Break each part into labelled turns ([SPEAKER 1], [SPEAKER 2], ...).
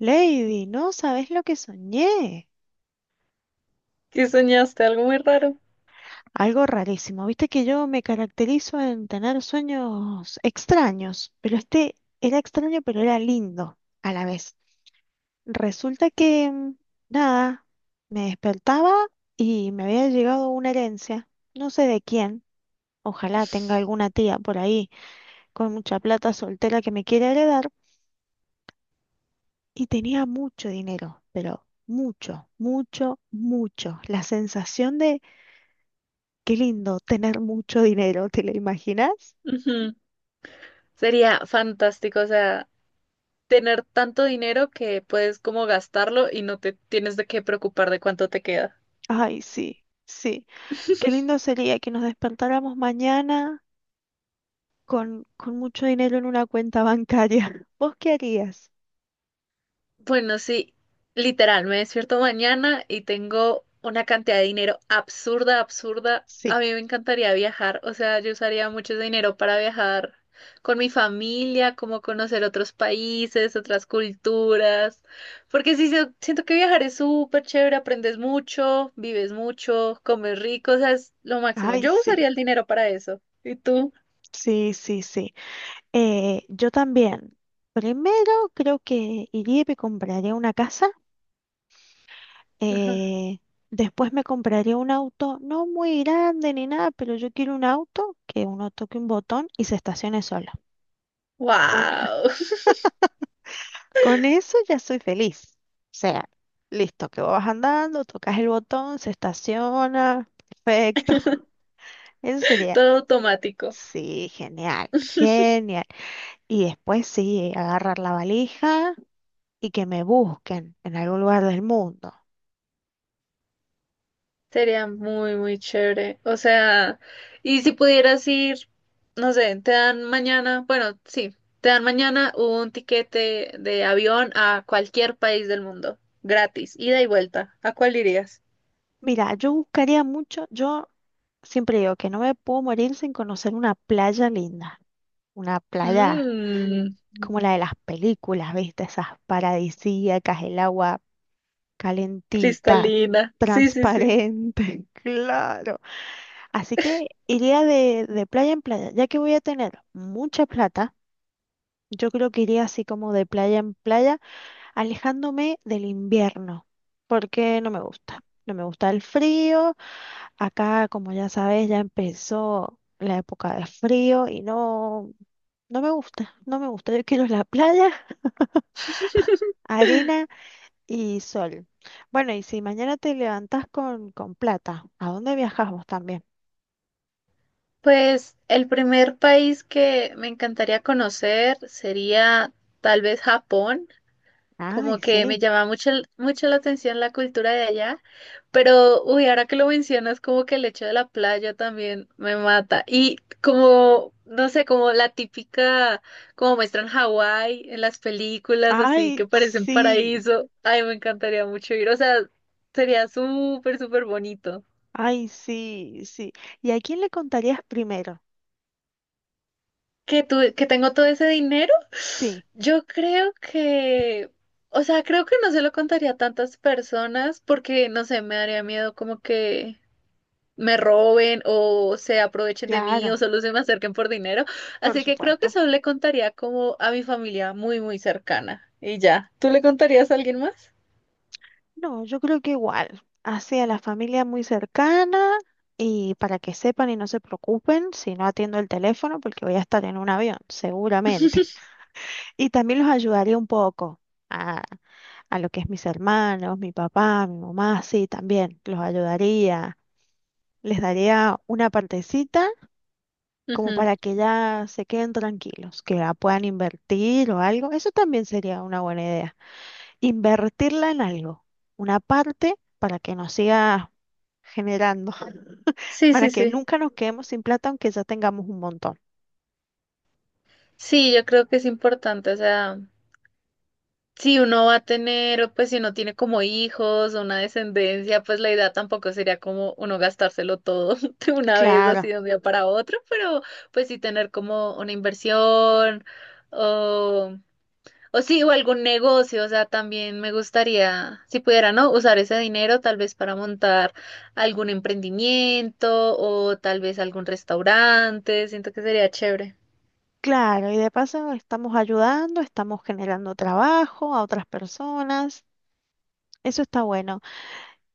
[SPEAKER 1] Lady, no sabes lo que soñé.
[SPEAKER 2] Que soñaste algo muy raro.
[SPEAKER 1] Algo rarísimo. Viste que yo me caracterizo en tener sueños extraños, pero este era extraño, pero era lindo a la vez. Resulta que, nada, me despertaba y me había llegado una herencia, no sé de quién. Ojalá tenga alguna tía por ahí con mucha plata soltera que me quiera heredar. Y tenía mucho dinero, pero mucho, mucho, mucho. La sensación. Qué lindo tener mucho dinero, ¿te lo imaginas?
[SPEAKER 2] Ujú. Sería fantástico, o sea, tener tanto dinero que puedes como gastarlo y no te tienes de qué preocupar de cuánto te queda.
[SPEAKER 1] Ay, sí, sí. Qué lindo sería que nos despertáramos mañana con mucho dinero en una cuenta bancaria. ¿Vos qué harías?
[SPEAKER 2] Bueno, sí, literal, me despierto mañana y tengo una cantidad de dinero absurda, absurda. A
[SPEAKER 1] Sí.
[SPEAKER 2] mí me encantaría viajar, o sea, yo usaría mucho ese dinero para viajar con mi familia, como conocer otros países, otras culturas, porque sí, siento que viajar es súper chévere, aprendes mucho, vives mucho, comes rico, o sea, es lo máximo.
[SPEAKER 1] Ay,
[SPEAKER 2] Yo
[SPEAKER 1] sí,
[SPEAKER 2] usaría el dinero para eso. ¿Y tú?
[SPEAKER 1] sí, sí, sí. Yo también. Primero creo que iría y me compraría una casa.
[SPEAKER 2] Ajá.
[SPEAKER 1] eh, Después me compraría un auto, no muy grande ni nada, pero yo quiero un auto que uno toque un botón y se estacione solo.
[SPEAKER 2] Wow,
[SPEAKER 1] Con eso ya soy feliz. O sea, listo, que vas andando, tocas el botón, se estaciona, perfecto. Eso sería,
[SPEAKER 2] todo automático.
[SPEAKER 1] sí, genial, genial. Y después sí, agarrar la valija y que me busquen en algún lugar del mundo.
[SPEAKER 2] Sería muy, muy chévere. O sea, y si pudieras ir, no sé, te dan mañana, bueno, sí, te dan mañana un tiquete de avión a cualquier país del mundo, gratis, ida y vuelta. ¿A cuál irías?
[SPEAKER 1] Mira, yo buscaría mucho, yo siempre digo que no me puedo morir sin conocer una playa linda, una playa,
[SPEAKER 2] Mmm,
[SPEAKER 1] como la de las películas, ¿viste? Esas paradisíacas, el agua calentita,
[SPEAKER 2] cristalina. Sí, sí, sí.
[SPEAKER 1] transparente, claro. Así que iría de playa en playa, ya que voy a tener mucha plata, yo creo que iría así como de playa en playa, alejándome del invierno, porque no me gusta. No me gusta el frío. Acá, como ya sabes, ya empezó la época de frío y no, no me gusta, no me gusta. Yo quiero la playa, arena y sol. Bueno, y si mañana te levantas con plata, ¿a dónde viajamos también?
[SPEAKER 2] Pues el primer país que me encantaría conocer sería tal vez Japón. Como
[SPEAKER 1] Ay,
[SPEAKER 2] que me
[SPEAKER 1] sí.
[SPEAKER 2] llama mucho, mucho la atención la cultura de allá, pero uy, ahora que lo mencionas, como que el hecho de la playa también me mata. Y como, no sé, como la típica, como muestran Hawái en las películas, así que
[SPEAKER 1] Ay,
[SPEAKER 2] parecen
[SPEAKER 1] sí.
[SPEAKER 2] paraíso. Ay, me encantaría mucho ir, o sea, sería súper, súper bonito.
[SPEAKER 1] Ay, sí, sí. ¿Y a quién le contarías primero?
[SPEAKER 2] Que tengo todo ese dinero,
[SPEAKER 1] Sí,
[SPEAKER 2] yo creo que, o sea, creo que no se lo contaría a tantas personas porque, no sé, me daría miedo como que me roben o se aprovechen de mí o
[SPEAKER 1] claro,
[SPEAKER 2] solo se me acerquen por dinero.
[SPEAKER 1] por
[SPEAKER 2] Así que creo que
[SPEAKER 1] supuesto.
[SPEAKER 2] solo le contaría como a mi familia muy, muy cercana y ya. ¿Tú le contarías a alguien más?
[SPEAKER 1] No, yo creo que igual. Así a la familia muy cercana y para que sepan y no se preocupen si no atiendo el teléfono porque voy a estar en un avión, seguramente. Y también los ayudaría un poco a lo que es mis hermanos, mi papá, mi mamá, sí, también los ayudaría, les daría una partecita como
[SPEAKER 2] Ujú.
[SPEAKER 1] para que ya se queden tranquilos, que la puedan invertir o algo, eso también sería una buena idea, invertirla en algo, una parte para que nos siga generando,
[SPEAKER 2] Sí,
[SPEAKER 1] para
[SPEAKER 2] sí,
[SPEAKER 1] que
[SPEAKER 2] sí.
[SPEAKER 1] nunca nos quedemos sin plata aunque ya tengamos un montón.
[SPEAKER 2] Sí, yo creo que es importante, o sea. Si uno va a tener, pues si uno tiene como hijos o una descendencia, pues la idea tampoco sería como uno gastárselo todo de una vez, así
[SPEAKER 1] Claro.
[SPEAKER 2] de un día para otro, pero pues sí tener como una inversión o, o sí, o algún negocio, o sea, también me gustaría, si pudiera, ¿no? Usar ese dinero tal vez para montar algún emprendimiento o tal vez algún restaurante, siento que sería chévere.
[SPEAKER 1] Claro, y de paso estamos ayudando, estamos generando trabajo a otras personas. Eso está bueno.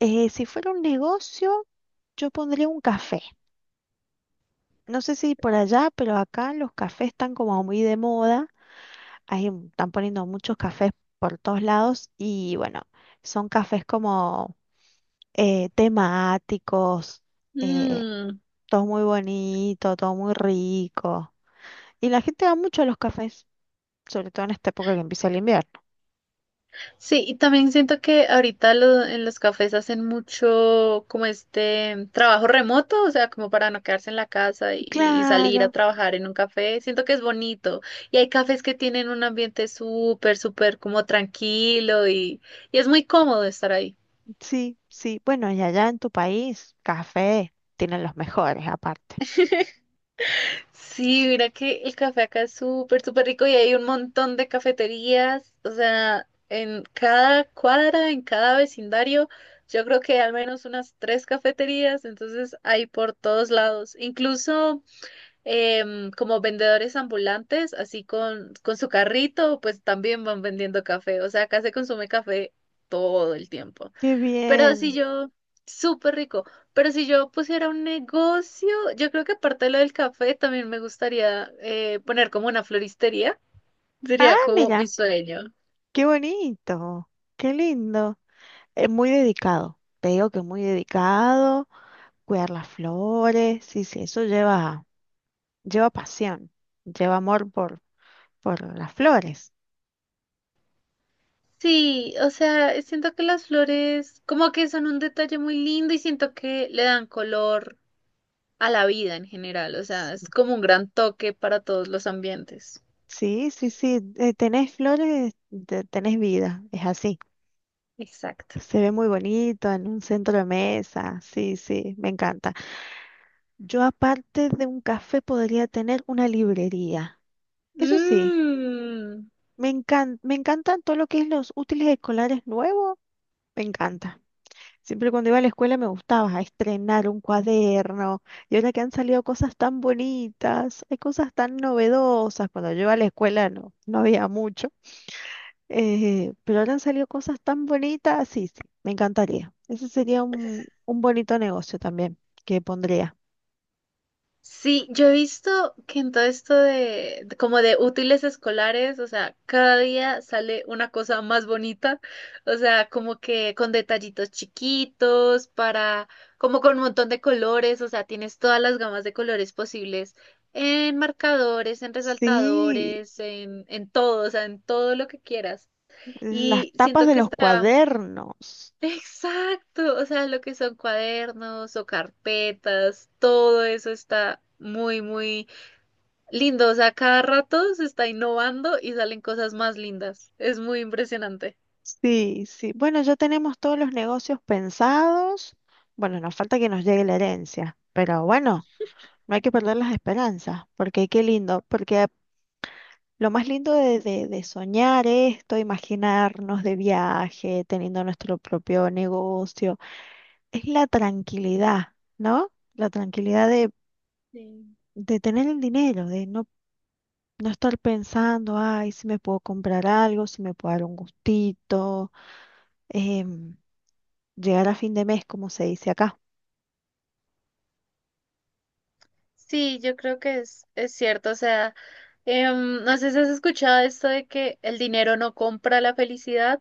[SPEAKER 1] Si fuera un negocio, yo pondría un café. No sé si por allá, pero acá los cafés están como muy de moda. Ahí están poniendo muchos cafés por todos lados y bueno, son cafés como temáticos, eh,
[SPEAKER 2] Mm.
[SPEAKER 1] todo muy bonito, todo muy rico. Y la gente va mucho a los cafés, sobre todo en esta época que empieza el invierno.
[SPEAKER 2] Sí, y también siento que ahorita en los cafés hacen mucho como este trabajo remoto, o sea, como para no quedarse en la casa y salir a
[SPEAKER 1] Claro,
[SPEAKER 2] trabajar en un café. Siento que es bonito. Y hay cafés que tienen un ambiente súper, súper como tranquilo y es muy cómodo estar ahí.
[SPEAKER 1] sí, sí. Bueno, y allá en tu país, café tienen los mejores aparte.
[SPEAKER 2] Sí, mira que el café acá es súper, súper rico y hay un montón de cafeterías, o sea, en cada cuadra, en cada vecindario, yo creo que hay al menos unas tres cafeterías, entonces hay por todos lados, incluso como vendedores ambulantes, así con, su carrito, pues también van vendiendo café, o sea, acá se consume café todo el tiempo.
[SPEAKER 1] Qué
[SPEAKER 2] Pero si
[SPEAKER 1] bien.
[SPEAKER 2] yo, súper rico, pero si yo pusiera un negocio, yo creo que aparte de lo del café, también me gustaría poner como una floristería. Sería
[SPEAKER 1] Ah,
[SPEAKER 2] como mi
[SPEAKER 1] mira,
[SPEAKER 2] sueño.
[SPEAKER 1] qué bonito, qué lindo. Es muy dedicado, te digo que muy dedicado, cuidar las flores, sí, sí, eso lleva, lleva pasión, lleva amor por las flores.
[SPEAKER 2] Sí, o sea, siento que las flores como que son un detalle muy lindo y siento que le dan color a la vida en general. O sea, es como un gran toque para todos los ambientes.
[SPEAKER 1] Sí, sí, sí, tenés flores, tenés vida, es así.
[SPEAKER 2] Exacto.
[SPEAKER 1] Se ve muy bonito en un centro de mesa, sí, sí, me encanta. Yo aparte de un café podría tener una librería, eso sí.
[SPEAKER 2] Mmm.
[SPEAKER 1] Me encantan todo lo que es los útiles escolares nuevos, me encanta. Siempre cuando iba a la escuela me gustaba estrenar un cuaderno y ahora que han salido cosas tan bonitas, hay cosas tan novedosas. Cuando yo iba a la escuela no, no había mucho, pero ahora han salido cosas tan bonitas, sí, sí, me encantaría. Ese sería un bonito negocio también que pondría.
[SPEAKER 2] Sí, yo he visto que en todo esto de, como de útiles escolares, o sea, cada día sale una cosa más bonita, o sea, como que con detallitos chiquitos, para, como con un montón de colores, o sea, tienes todas las gamas de colores posibles en marcadores, en
[SPEAKER 1] Sí,
[SPEAKER 2] resaltadores, en todo, o sea, en todo lo que quieras.
[SPEAKER 1] las
[SPEAKER 2] Y
[SPEAKER 1] tapas
[SPEAKER 2] siento
[SPEAKER 1] de
[SPEAKER 2] que
[SPEAKER 1] los
[SPEAKER 2] está.
[SPEAKER 1] cuadernos.
[SPEAKER 2] Exacto, o sea, lo que son cuadernos o carpetas, todo eso está muy, muy lindo. O sea, cada rato se está innovando y salen cosas más lindas. Es muy impresionante.
[SPEAKER 1] Sí, sí. Bueno, ya tenemos todos los negocios pensados. Bueno, nos falta que nos llegue la herencia, pero bueno, no hay que perder las esperanzas, porque qué lindo, porque lo más lindo de soñar esto, imaginarnos de viaje, teniendo nuestro propio negocio, es la tranquilidad, ¿no? La tranquilidad
[SPEAKER 2] Sí.
[SPEAKER 1] de tener el dinero, de no, no estar pensando, ay, si me puedo comprar algo, si me puedo dar un gustito. em, Llegar a fin de mes, como se dice acá.
[SPEAKER 2] Sí, yo creo que es cierto. O sea, no sé si has escuchado esto de que el dinero no compra la felicidad,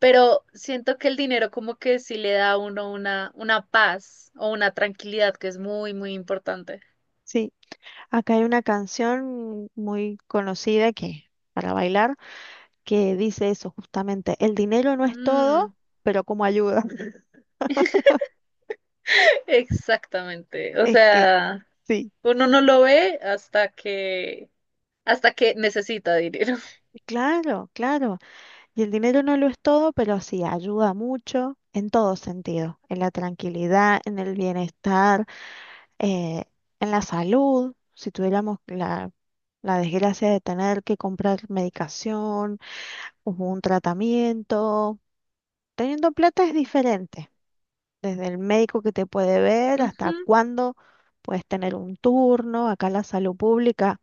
[SPEAKER 2] pero siento que el dinero como que sí le da a uno una paz o una tranquilidad que es muy, muy importante.
[SPEAKER 1] Sí, acá hay una canción muy conocida que para bailar que dice eso justamente, el dinero no es
[SPEAKER 2] Mm.
[SPEAKER 1] todo, pero como ayuda.
[SPEAKER 2] Exactamente. O
[SPEAKER 1] Es que
[SPEAKER 2] sea,
[SPEAKER 1] sí,
[SPEAKER 2] uno no lo ve hasta que necesita dinero.
[SPEAKER 1] claro, claro. Y el dinero no lo es todo, pero sí ayuda mucho en todo sentido, en la tranquilidad, en el bienestar, eh, en la salud. Si tuviéramos la, la desgracia de tener que comprar medicación o un tratamiento. Teniendo plata es diferente, desde el médico que te puede ver hasta
[SPEAKER 2] Ujú.
[SPEAKER 1] cuándo puedes tener un turno. Acá en la salud pública,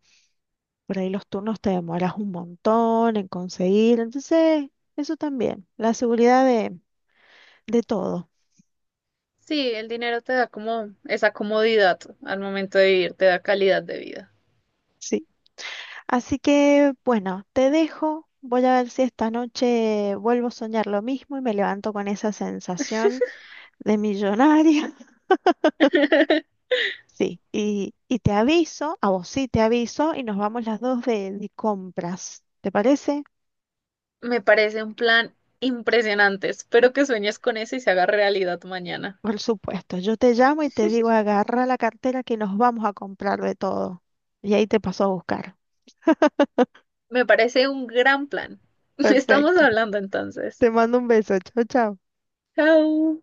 [SPEAKER 1] por ahí los turnos te demoras un montón en conseguir. Entonces, eso también, la seguridad de todo.
[SPEAKER 2] Sí, el dinero te da como esa comodidad al momento de vivir, te da calidad de vida.
[SPEAKER 1] Sí. Así que, bueno, te dejo. Voy a ver si esta noche vuelvo a soñar lo mismo y me levanto con esa sensación de millonaria. Sí, y te aviso, a vos sí te aviso, y nos vamos las dos de compras. ¿Te parece?
[SPEAKER 2] Me parece un plan impresionante. Espero que sueñes con eso y se haga realidad mañana.
[SPEAKER 1] Por supuesto, yo te llamo y te digo, agarra la cartera que nos vamos a comprar de todo. Y ahí te paso a buscar.
[SPEAKER 2] Me parece un gran plan. Estamos
[SPEAKER 1] Perfecto.
[SPEAKER 2] hablando entonces.
[SPEAKER 1] Te mando un beso. Chao, chao.
[SPEAKER 2] Chao.